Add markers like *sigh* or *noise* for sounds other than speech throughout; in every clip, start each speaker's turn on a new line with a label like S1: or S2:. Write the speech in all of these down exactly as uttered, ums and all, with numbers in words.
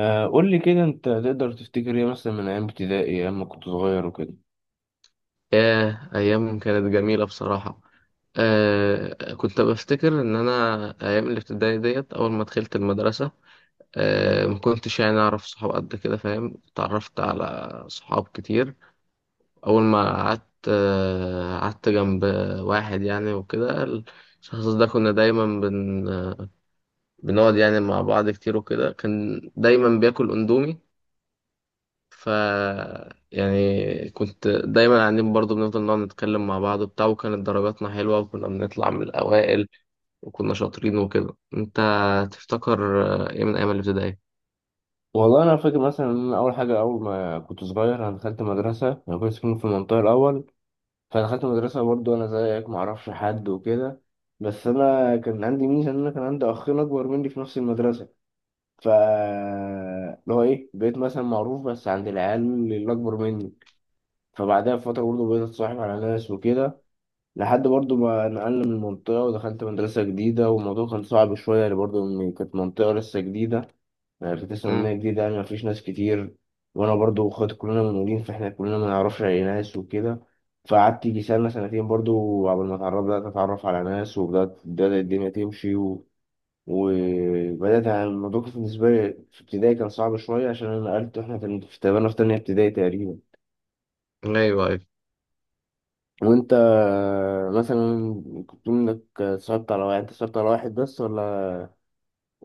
S1: آه، قول لي كده انت تقدر تفتكر ايه مثلا من ايام ابتدائي، ايام ما كنت صغير وكده.
S2: ياه، أيام كانت جميلة بصراحة. آه، كنت بفتكر إن أنا أيام الابتدائي ديت أول ما دخلت المدرسة، آه ما كنتش يعني أعرف صحاب قد كده، فاهم؟ اتعرفت على صحاب كتير. أول ما قعدت آه قعدت جنب واحد يعني، وكده. الشخص ده كنا دايما بن بنقعد يعني مع بعض كتير، وكده. كان دايما بياكل أندومي. ف يعني كنت دايما قاعدين برضو، بنفضل نقعد نتكلم مع بعض وبتاع، وكانت درجاتنا حلوة وكنا بنطلع من الأوائل وكنا شاطرين وكده. أنت تفتكر آه، إيه من أيام الابتدائي؟
S1: والله انا فاكر مثلا ان أنا اول حاجه، اول ما كنت صغير انا دخلت مدرسه، انا كنت ساكن في المنطقه الاول، فدخلت مدرسه برضو انا زيك ما اعرفش حد وكده. بس انا كان عندي ميزه ان انا كان عندي اخين اكبر مني في نفس المدرسه، ف اللي هو ايه، بقيت مثلا معروف بس عند العيال اللي اكبر مني. فبعدها بفتره برضو بقيت اتصاحب على ناس وكده، لحد برضو ما نقلنا من المنطقة ودخلت مدرسة جديدة. والموضوع كان صعب شوية يعني، برضو إن كانت منطقة لسه جديدة، يعني كنت لسه مبنية
S2: امم.
S1: جديدة، يعني مفيش ناس كتير. وأنا برضو وأخواتي كلنا منقولين، فإحنا كلنا ما نعرفش أي ناس وكده. فقعدت يجي سنة سنتين برضو قبل ما اتعرف، بدأت أتعرف على ناس وبدأت بدأت الدنيا تمشي و... وبدأت، يعني الموضوع كان بالنسبة لي في ابتدائي كان صعب شوية عشان أنا نقلت، وإحنا كان في تقريبا في تانية ابتدائي تقريبا.
S2: أيوه، أيوه.
S1: وانت مثلا كنت بتقول انك اتصاحبت على واحد، انت اتصاحبت على واحد بس ولا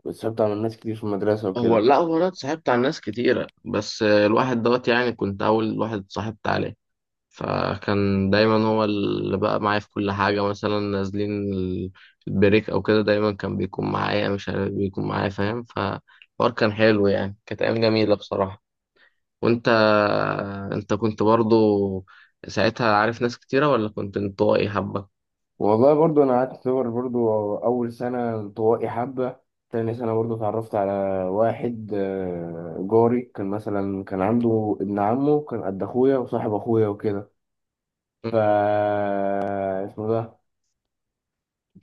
S1: اتصاحبت على ناس كتير في المدرسة
S2: هو
S1: وكده؟
S2: لا، هو أنا اتصاحبت على ناس كتيرة، بس آه، الواحد دوت يعني كنت أول واحد اتصاحبت عليه، فكان دايما هو اللي بقى معايا في كل حاجة، مثلا نازلين ال- البريك أو كده، دايما كان بيكون معايا، مش عارف بيكون معايا، فاهم؟ فالحوار كان حلو يعني، كانت أيام جميلة بصراحة. وأنت، أنت كنت برضو ساعتها عارف ناس كتيرة ولا كنت انطوائي حبة؟
S1: والله برضو انا قعدت اعتبر برضو اول سنة انطوائي حبة، تاني سنة برضو اتعرفت على واحد، آه، جاري، كان مثلا كان عنده ابن عمه كان قد اخويا وصاحب اخويا وكده، ف
S2: مم.
S1: اسمه ده.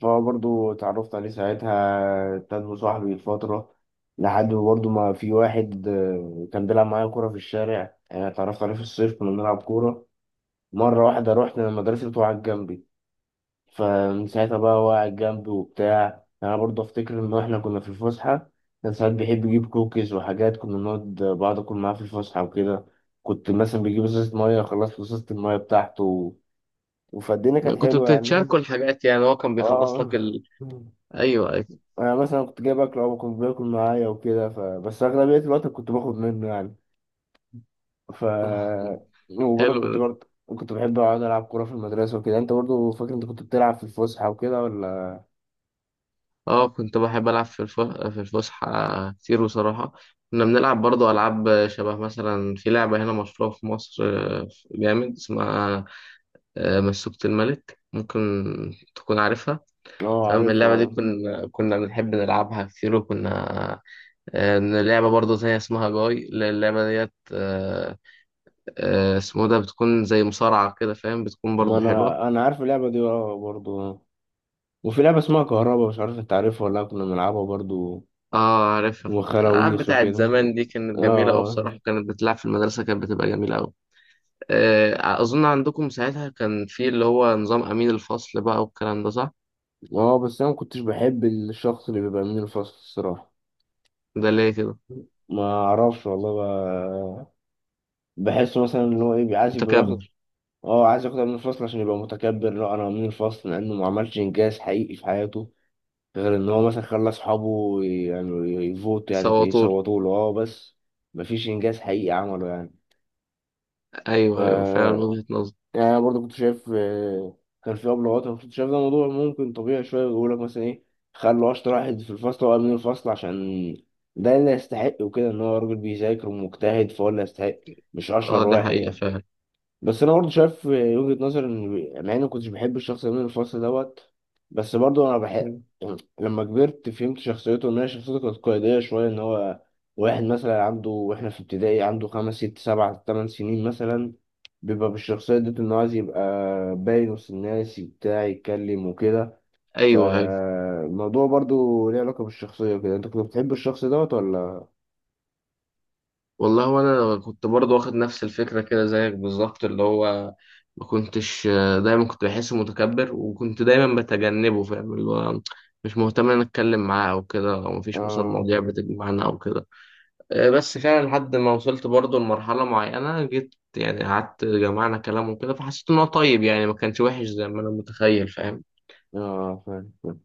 S1: فهو برضو اتعرفت عليه ساعتها، ابتدى صاحبي فترة، لحد ما برضو ما في واحد، آه، كان بيلعب معايا كورة في الشارع، يعني اتعرفت عليه في الصيف كنا بنلعب كورة. مرة واحدة رحنا مدرسته وقعد جنبي، فمن ساعتها بقى هو قاعد جنبي وبتاع. يعني أنا برضو أفتكر إن إحنا كنا في الفسحة، كان ساعات بيحب يجيب كوكيز وحاجات، كنا نقعد بعض أكل معاه في الفسحة وكده. كنت مثلا بيجيب ازازة مية، خلصت ازازة المية بتاعته، وفالدنيا كانت
S2: كنت
S1: حلوة يعني.
S2: بتتشاركوا الحاجات يعني؟ هو كان بيخلص لك
S1: اه،
S2: ال... أيوه، أيوه.
S1: انا مثلا كنت جايب اكل او كنت باكل معايا وكده، ف... بس اغلبيه الوقت كنت باخد منه يعني. ف
S2: *laughs*
S1: وبرضه كنت،
S2: حلو.
S1: برضه كنت بحب اقعد العب كوره في المدرسه وكده. انت برضه فاكر انت كنت بتلعب في الفسحه وكده ولا؟
S2: اه، كنت بحب العب في الف... في الفسحه كتير بصراحه. كنا بنلعب برضو العاب شبه، مثلا في لعبه هنا مشهوره في مصر، آه، جامد، اسمها آه، مسوكة الملك، ممكن تكون عارفها.
S1: اه
S2: تمام.
S1: عارف
S2: اللعبه دي
S1: اه.
S2: كنا كنا بنحب نلعبها كتير، وكنا آه، لعبة برضه تانية اسمها جاي، اللعبة ديت آه، آه، اسمه ده، بتكون زي مصارعة كده، فاهم؟ بتكون
S1: ما
S2: برضه حلوة.
S1: انا انا عارف اللعبه دي اه برضه. وفي لعبه اسمها كهربا، مش عارف انت عارفها ولا لأ، كنا بنلعبها برضه
S2: اه عارفها. الألعاب
S1: وخراويش
S2: بتاعت
S1: وكده.
S2: زمان دي كانت جميلة أوي
S1: اه
S2: بصراحة، كانت بتلعب في المدرسة، كانت بتبقى جميلة أوي. آه، أظن عندكم ساعتها كان في اللي هو نظام أمين الفصل بقى، والكلام ده صح؟
S1: اه. آه، بس انا ما كنتش بحب الشخص اللي بيبقى من الفصل الصراحه.
S2: ده ليه كده؟
S1: ما اعرفش والله، ب... بحس مثلا ان هو ايه بيعايز
S2: متكبر.
S1: يبقى. اه عايز ياخدها من الفصل عشان يبقى متكبر، لا انا من الفصل لانه ما عملش انجاز حقيقي في حياته، غير ان
S2: م.
S1: هو مثلا خلى اصحابه ي- يعني يفوت، يعني
S2: سواطور.
S1: فيصوتوا له اه بس. مفيش انجاز حقيقي عمله يعني.
S2: أيوه، أيوه فعلا، من وجهة نظر.
S1: يعني انا برضه كنت شايف، آه، كان في ابلغات، انا كنت شايف ده موضوع ممكن طبيعي شويه. بيقول لك مثلا ايه، خلوا اشطر واحد في الفصل هو امين الفصل، عشان ده اللي يستحق وكده، ان هو راجل بيذاكر ومجتهد فهو اللي يستحق، مش
S2: أه،
S1: اشهر
S2: ده حقيقة
S1: واحد.
S2: فعلا.
S1: بس انا برضه شايف وجهة نظر، ان مع اني ما كنتش بحب الشخص ده من الفصل دوت، بس برضه انا بحب،
S2: م.
S1: يعني لما كبرت فهمت شخصيته ان هي شخصيته كانت قيادية شوية، ان هو واحد مثلا عنده، واحنا في ابتدائي عنده خمس ست سبع تمن سنين مثلا، بيبقى بالشخصية دي، ان هو عايز يبقى باين وسط الناس، بتاع يتكلم وكده.
S2: أيوه، أيوه.
S1: فالموضوع برضه ليه علاقة بالشخصية كده. انت كنت بتحب الشخص دوت ولا؟
S2: والله، هو أنا كنت برضه واخد نفس الفكرة كده زيك بالظبط، اللي هو ما كنتش آه، دايما كنت بحسه متكبر وكنت دايما بتجنبه، فاهم؟ اللي هو مش مهتم إن أنا أتكلم معاه أو كده، أو مفيش مثلا
S1: اه،
S2: مواضيع بتجمعنا أو كده. آه، بس فعلا لحد ما وصلت برضه لمرحلة معينة، جيت يعني قعدت جمعنا كلام وكده، فحسيت إن هو طيب يعني، ما كانش وحش زي ما أنا متخيل، فاهم؟
S1: اه فاهم فاهم.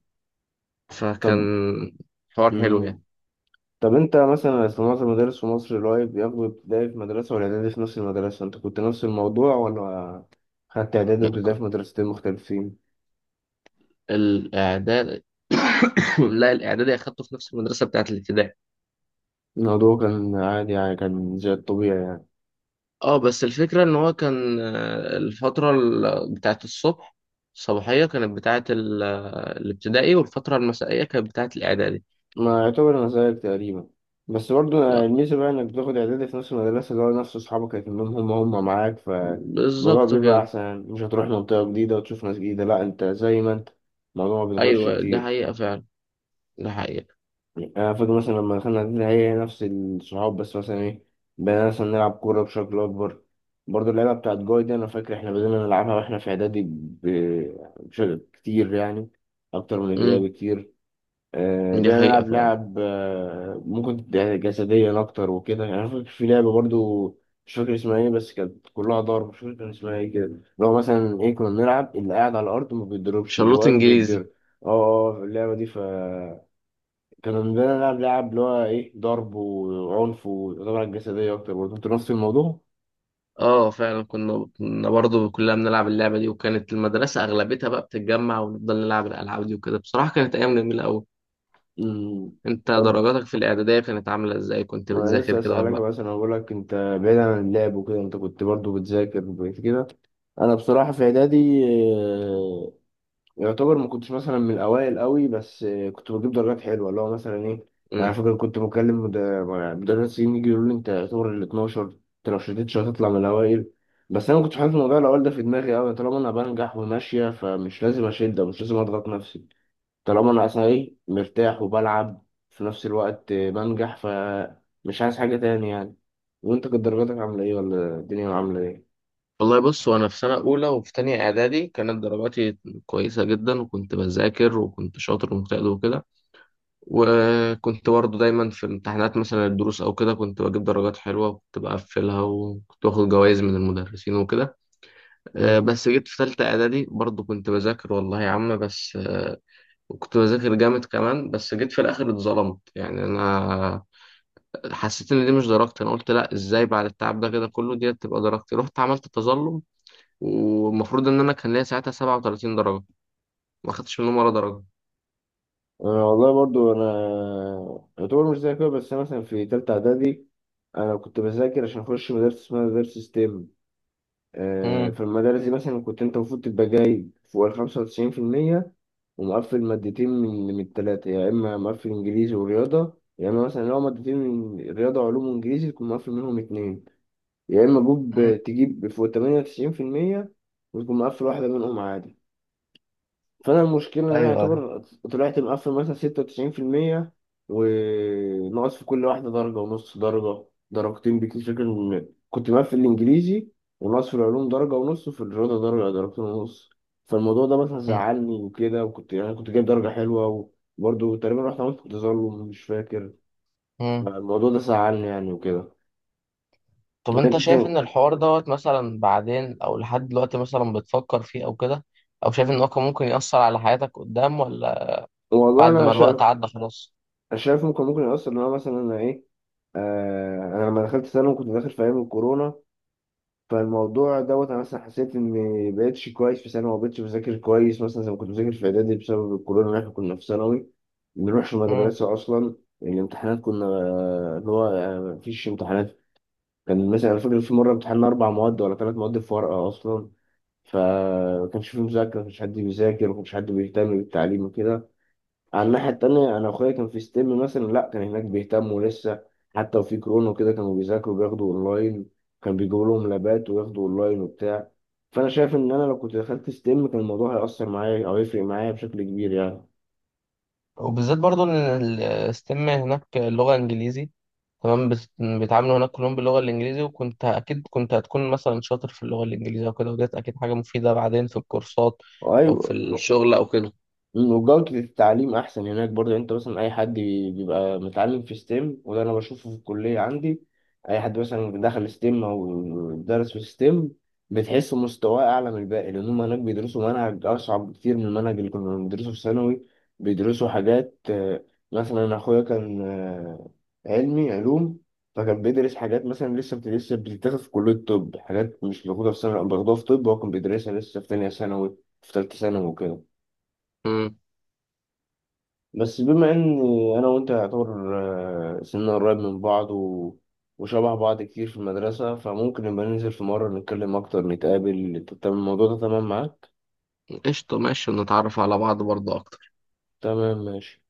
S2: فكان
S1: طب.
S2: حوار حلو يعني.
S1: مم. طب انت مثلا، أصل معظم المدارس في مصر اللي هو بياخدوا ابتدائي في مدرسة والاعدادي في نفس المدرسة، انت كنت نفس الموضوع ولا خدت اعدادي وابتدائي في مدرستين مختلفين؟
S2: الإعداد. *coughs* لا، الإعدادي أخدته في نفس المدرسة بتاعة الابتدائي.
S1: الموضوع كان عادي يعني، كان زي الطبيعي يعني.
S2: اه، بس الفكرة إن هو كان آه، الفترة ال- بتاعة الصبح، الصباحية كانت بتاعة ال- الابتدائي، والفترة المسائية كانت بتاعة الإعدادي.
S1: ما يعتبر انا زيك تقريبا، بس برضو
S2: لا،
S1: الميزة بقى انك بتاخد اعدادي في نفس المدرسة اللي هو نفس اصحابك هيتمهم، هم هم معاك،
S2: بالظبط
S1: فالموضوع بيبقى
S2: كده.
S1: احسن يعني. مش هتروح منطقة جديدة وتشوف ناس جديدة، لا انت زي ما انت، الموضوع ما بيتغيرش
S2: أيوه، دي
S1: كتير.
S2: حقيقة فعلا. دي حقيقة.
S1: يعني أنا فاكر مثلا لما دخلنا إعدادي هي نفس الصحاب، بس مثلا إيه، بدأنا مثلا نلعب كورة بشكل أكبر. برضه اللعبة بتاعت جوي دي أنا فاكر إحنا بدأنا نلعبها وإحنا في إعدادي، ب- بشكل كتير يعني، أكتر من ابتدائي بكتير. آه،
S2: دي
S1: بدأنا
S2: حقيقة
S1: نلعب
S2: فعلا.
S1: لعب، آه، ممكن تبقى جسديا أكتر وكده. يعني أنا فاكر في لعبة برضه مش فاكر اسمها إيه، بس كانت كلها ضرب، مش فاكر كان اسمها إيه كده، اللي هو مثلا إيه، كنا بنلعب اللي قاعد على الأرض ما بيتضربش واللي
S2: شلوت
S1: واقف
S2: انجليزي.
S1: بيتضرب. اه اه، آه، اللعبة دي. ف كانوا بنلعب نلعب لعب اللي هو ايه ضرب وعنف، وطبعا جسدية أكتر. برضه أنت نفس الموضوع؟
S2: اه فعلا، كنا كنا برضه كلنا بنلعب اللعبة دي، وكانت المدرسة اغلبتها بقى بتتجمع ونفضل نلعب الالعاب دي وكده. بصراحة كانت ايام جميلة قوي.
S1: مم.
S2: انت
S1: طب
S2: درجاتك في الاعدادية كانت عاملة ازاي؟ كنت
S1: ما أنا لسه
S2: بتذاكر كده ولا
S1: أسألك
S2: لا؟
S1: مثلا، أقول لك أنت، بعيد عن اللعب وكده، أنت كنت برضه بتذاكر وكده؟ أنا بصراحة في إعدادي يعتبر ما كنتش مثلا من الاوائل قوي، بس آه، كنت بجيب درجات حلوه، اللي هو مثلا ايه، انا
S2: امم.
S1: فاكر كنت بكلم مد- مدرسين يجي يقولوا لي انت يعتبر ال الاتناشر، انت لو شدتش هتطلع من الاوائل. بس انا ما كنتش حاطط موضوع الاوائل ده في دماغي قوي، طالما انا بنجح وماشيه، فمش لازم اشد ومش لازم اضغط نفسي. طالما انا اصلا ايه مرتاح وبلعب في نفس الوقت، آه، بنجح، فمش عايز حاجه تاني يعني. وانت كانت درجاتك عامله ايه، ولا الدنيا عامله ايه؟
S2: والله بص، وانا في سنة اولى وفي تانية اعدادي كانت درجاتي كويسة جدا، وكنت بذاكر وكنت شاطر ومجتهد وكده. وكنت برضه دايما في امتحانات مثلا، الدروس او كده كنت بجيب درجات حلوة وكنت بقفلها وكنت باخد جوائز من المدرسين وكده. آه،
S1: مم.
S2: بس جيت في تالتة إعدادي برضه كنت بذاكر والله يا عم، بس آه، كنت بذاكر جامد كمان. بس جيت في الآخر اتظلمت يعني، أنا حسيت إن دي مش درجتي. أنا قلت لأ، إزاي بعد التعب ده كده كله دي تبقى درجتي؟ رحت عملت تظلم، والمفروض إن أنا كان ليا ساعتها سبعة وثلاثين درجة، ما خدتش منهم ولا درجة.
S1: أنا والله برضو أنا يعتبر مش زي كده. بس أنا مثلا في تالتة إعدادي، أنا كنت بذاكر عشان أخش مدرسة اسمها مدرسة ستيم. آه،
S2: امم.
S1: في المدارس دي مثلا كنت أنت المفروض تبقى جايب فوق الخمسة وتسعين في المية، ومقفل مادتين من من التلاتة، يا إما مقفل إنجليزي ورياضة، يا إما مثلا لو مادتين من رياضة وعلوم وإنجليزي تكون مقفل منهم اتنين، يا إما جوب
S2: امم.
S1: تجيب فوق تمانية وتسعين في المية وتكون مقفل واحدة منهم عادي. فانا المشكله ان انا
S2: ايوه، أيوة.
S1: اعتبر طلعت مقفل مثلا ستة وتسعين في المية، وناقص في كل واحده درجه ونص، درجه درجتين بكتير. فاكر إن كنت مقفل الانجليزي، وناقص في العلوم درجه ونص، وفي الرياضه درجه درجتين ونص. فالموضوع ده مثلا
S2: امم.
S1: زعلني وكده، وكنت يعني كنت جايب درجه حلوه، وبرضه تقريبا رحت عملت تظلم مش فاكر.
S2: امم.
S1: فالموضوع ده زعلني يعني وكده.
S2: طب
S1: يعني
S2: انت شايف
S1: مثلا،
S2: ان الحوار دوت مثلا بعدين او لحد دلوقتي مثلا بتفكر فيه او كده؟ او شايف ان هو كان ممكن يأثر على حياتك قدام ولا
S1: والله
S2: بعد
S1: انا
S2: ما
S1: شايف،
S2: الوقت عدى خلاص؟
S1: شايف ممكن، ممكن يأثر، ان انا مثلا انا ايه، آه انا لما دخلت ثانوي كنت داخل في ايام الكورونا. فالموضوع دوت انا مثلا حسيت اني بقيتش كويس في ثانوي، ما بقتش بذاكر كويس مثلا زي ما كنت بذاكر في اعدادي، بسبب الكورونا، إن احنا كنا في ثانوي ما بنروحش
S2: مم.
S1: المدرسه اصلا. الامتحانات كنا، آه، اللي هو آه، مفيش امتحانات. كان مثلا أنا فاكر في مره امتحنا اربع مواد ولا ثلاث مواد في ورقه اصلا. فما كانش في مذاكره، ما كانش حد بيذاكر، ما كانش حد بيهتم بالتعليم وكده. على الناحية التانية أنا أخويا كان في ستيم مثلا، لأ كان هناك بيهتموا لسه، حتى وفي كورونا وكده كانوا بيذاكروا، بياخدوا أونلاين، كان بيجيبوا لهم لابات وياخدوا أونلاين وبتاع. فأنا شايف إن أنا لو كنت دخلت ستيم كان الموضوع هيأثر معايا، أو يفرق معايا بشكل كبير يعني.
S2: وبالذات برضو ان الستيم هناك اللغه انجليزي، تمام. بت- بيتعاملوا هناك كلهم باللغه الانجليزي، وكنت اكيد كنت هتكون مثلا شاطر في اللغه الانجليزيه وكده، وديت اكيد حاجه مفيده بعدين في الكورسات او في
S1: أيوة.
S2: الشغل او كده.
S1: مم، وجودة التعليم أحسن هناك برضه يعني. أنت مثلا أي حد بي- بيبقى متعلم في ستيم، وده أنا بشوفه في الكلية عندي، أي حد مثلا دخل ستيم أو درس في ستيم، بتحس مستواه أعلى من الباقي، لأن هم هناك بيدرسوا منهج أصعب كتير من المنهج اللي كنا بندرسه في ثانوي. بيدرسوا حاجات، آه، مثلا أنا أخويا كان، آه، علمي علوم، فكان بيدرس حاجات مثلا لسه بت- لسه بتتاخد في كلية طب، حاجات مش موجودة في ثانوي، باخدوها في طب هو كان بيدرسها لسه في تانية ثانوي، في تالتة ثانوي وكده.
S2: مم.
S1: بس بما ان انا وانت يعتبر، آه، سننا قريب من بعض و... وشبه بعض كتير في المدرسة، فممكن نبقى ننزل في مرة نتكلم اكتر نتقابل. تمام الموضوع ده تمام معاك؟
S2: قشطه، ماشي، نتعرف على بعض برضو اكتر.
S1: تمام ماشي.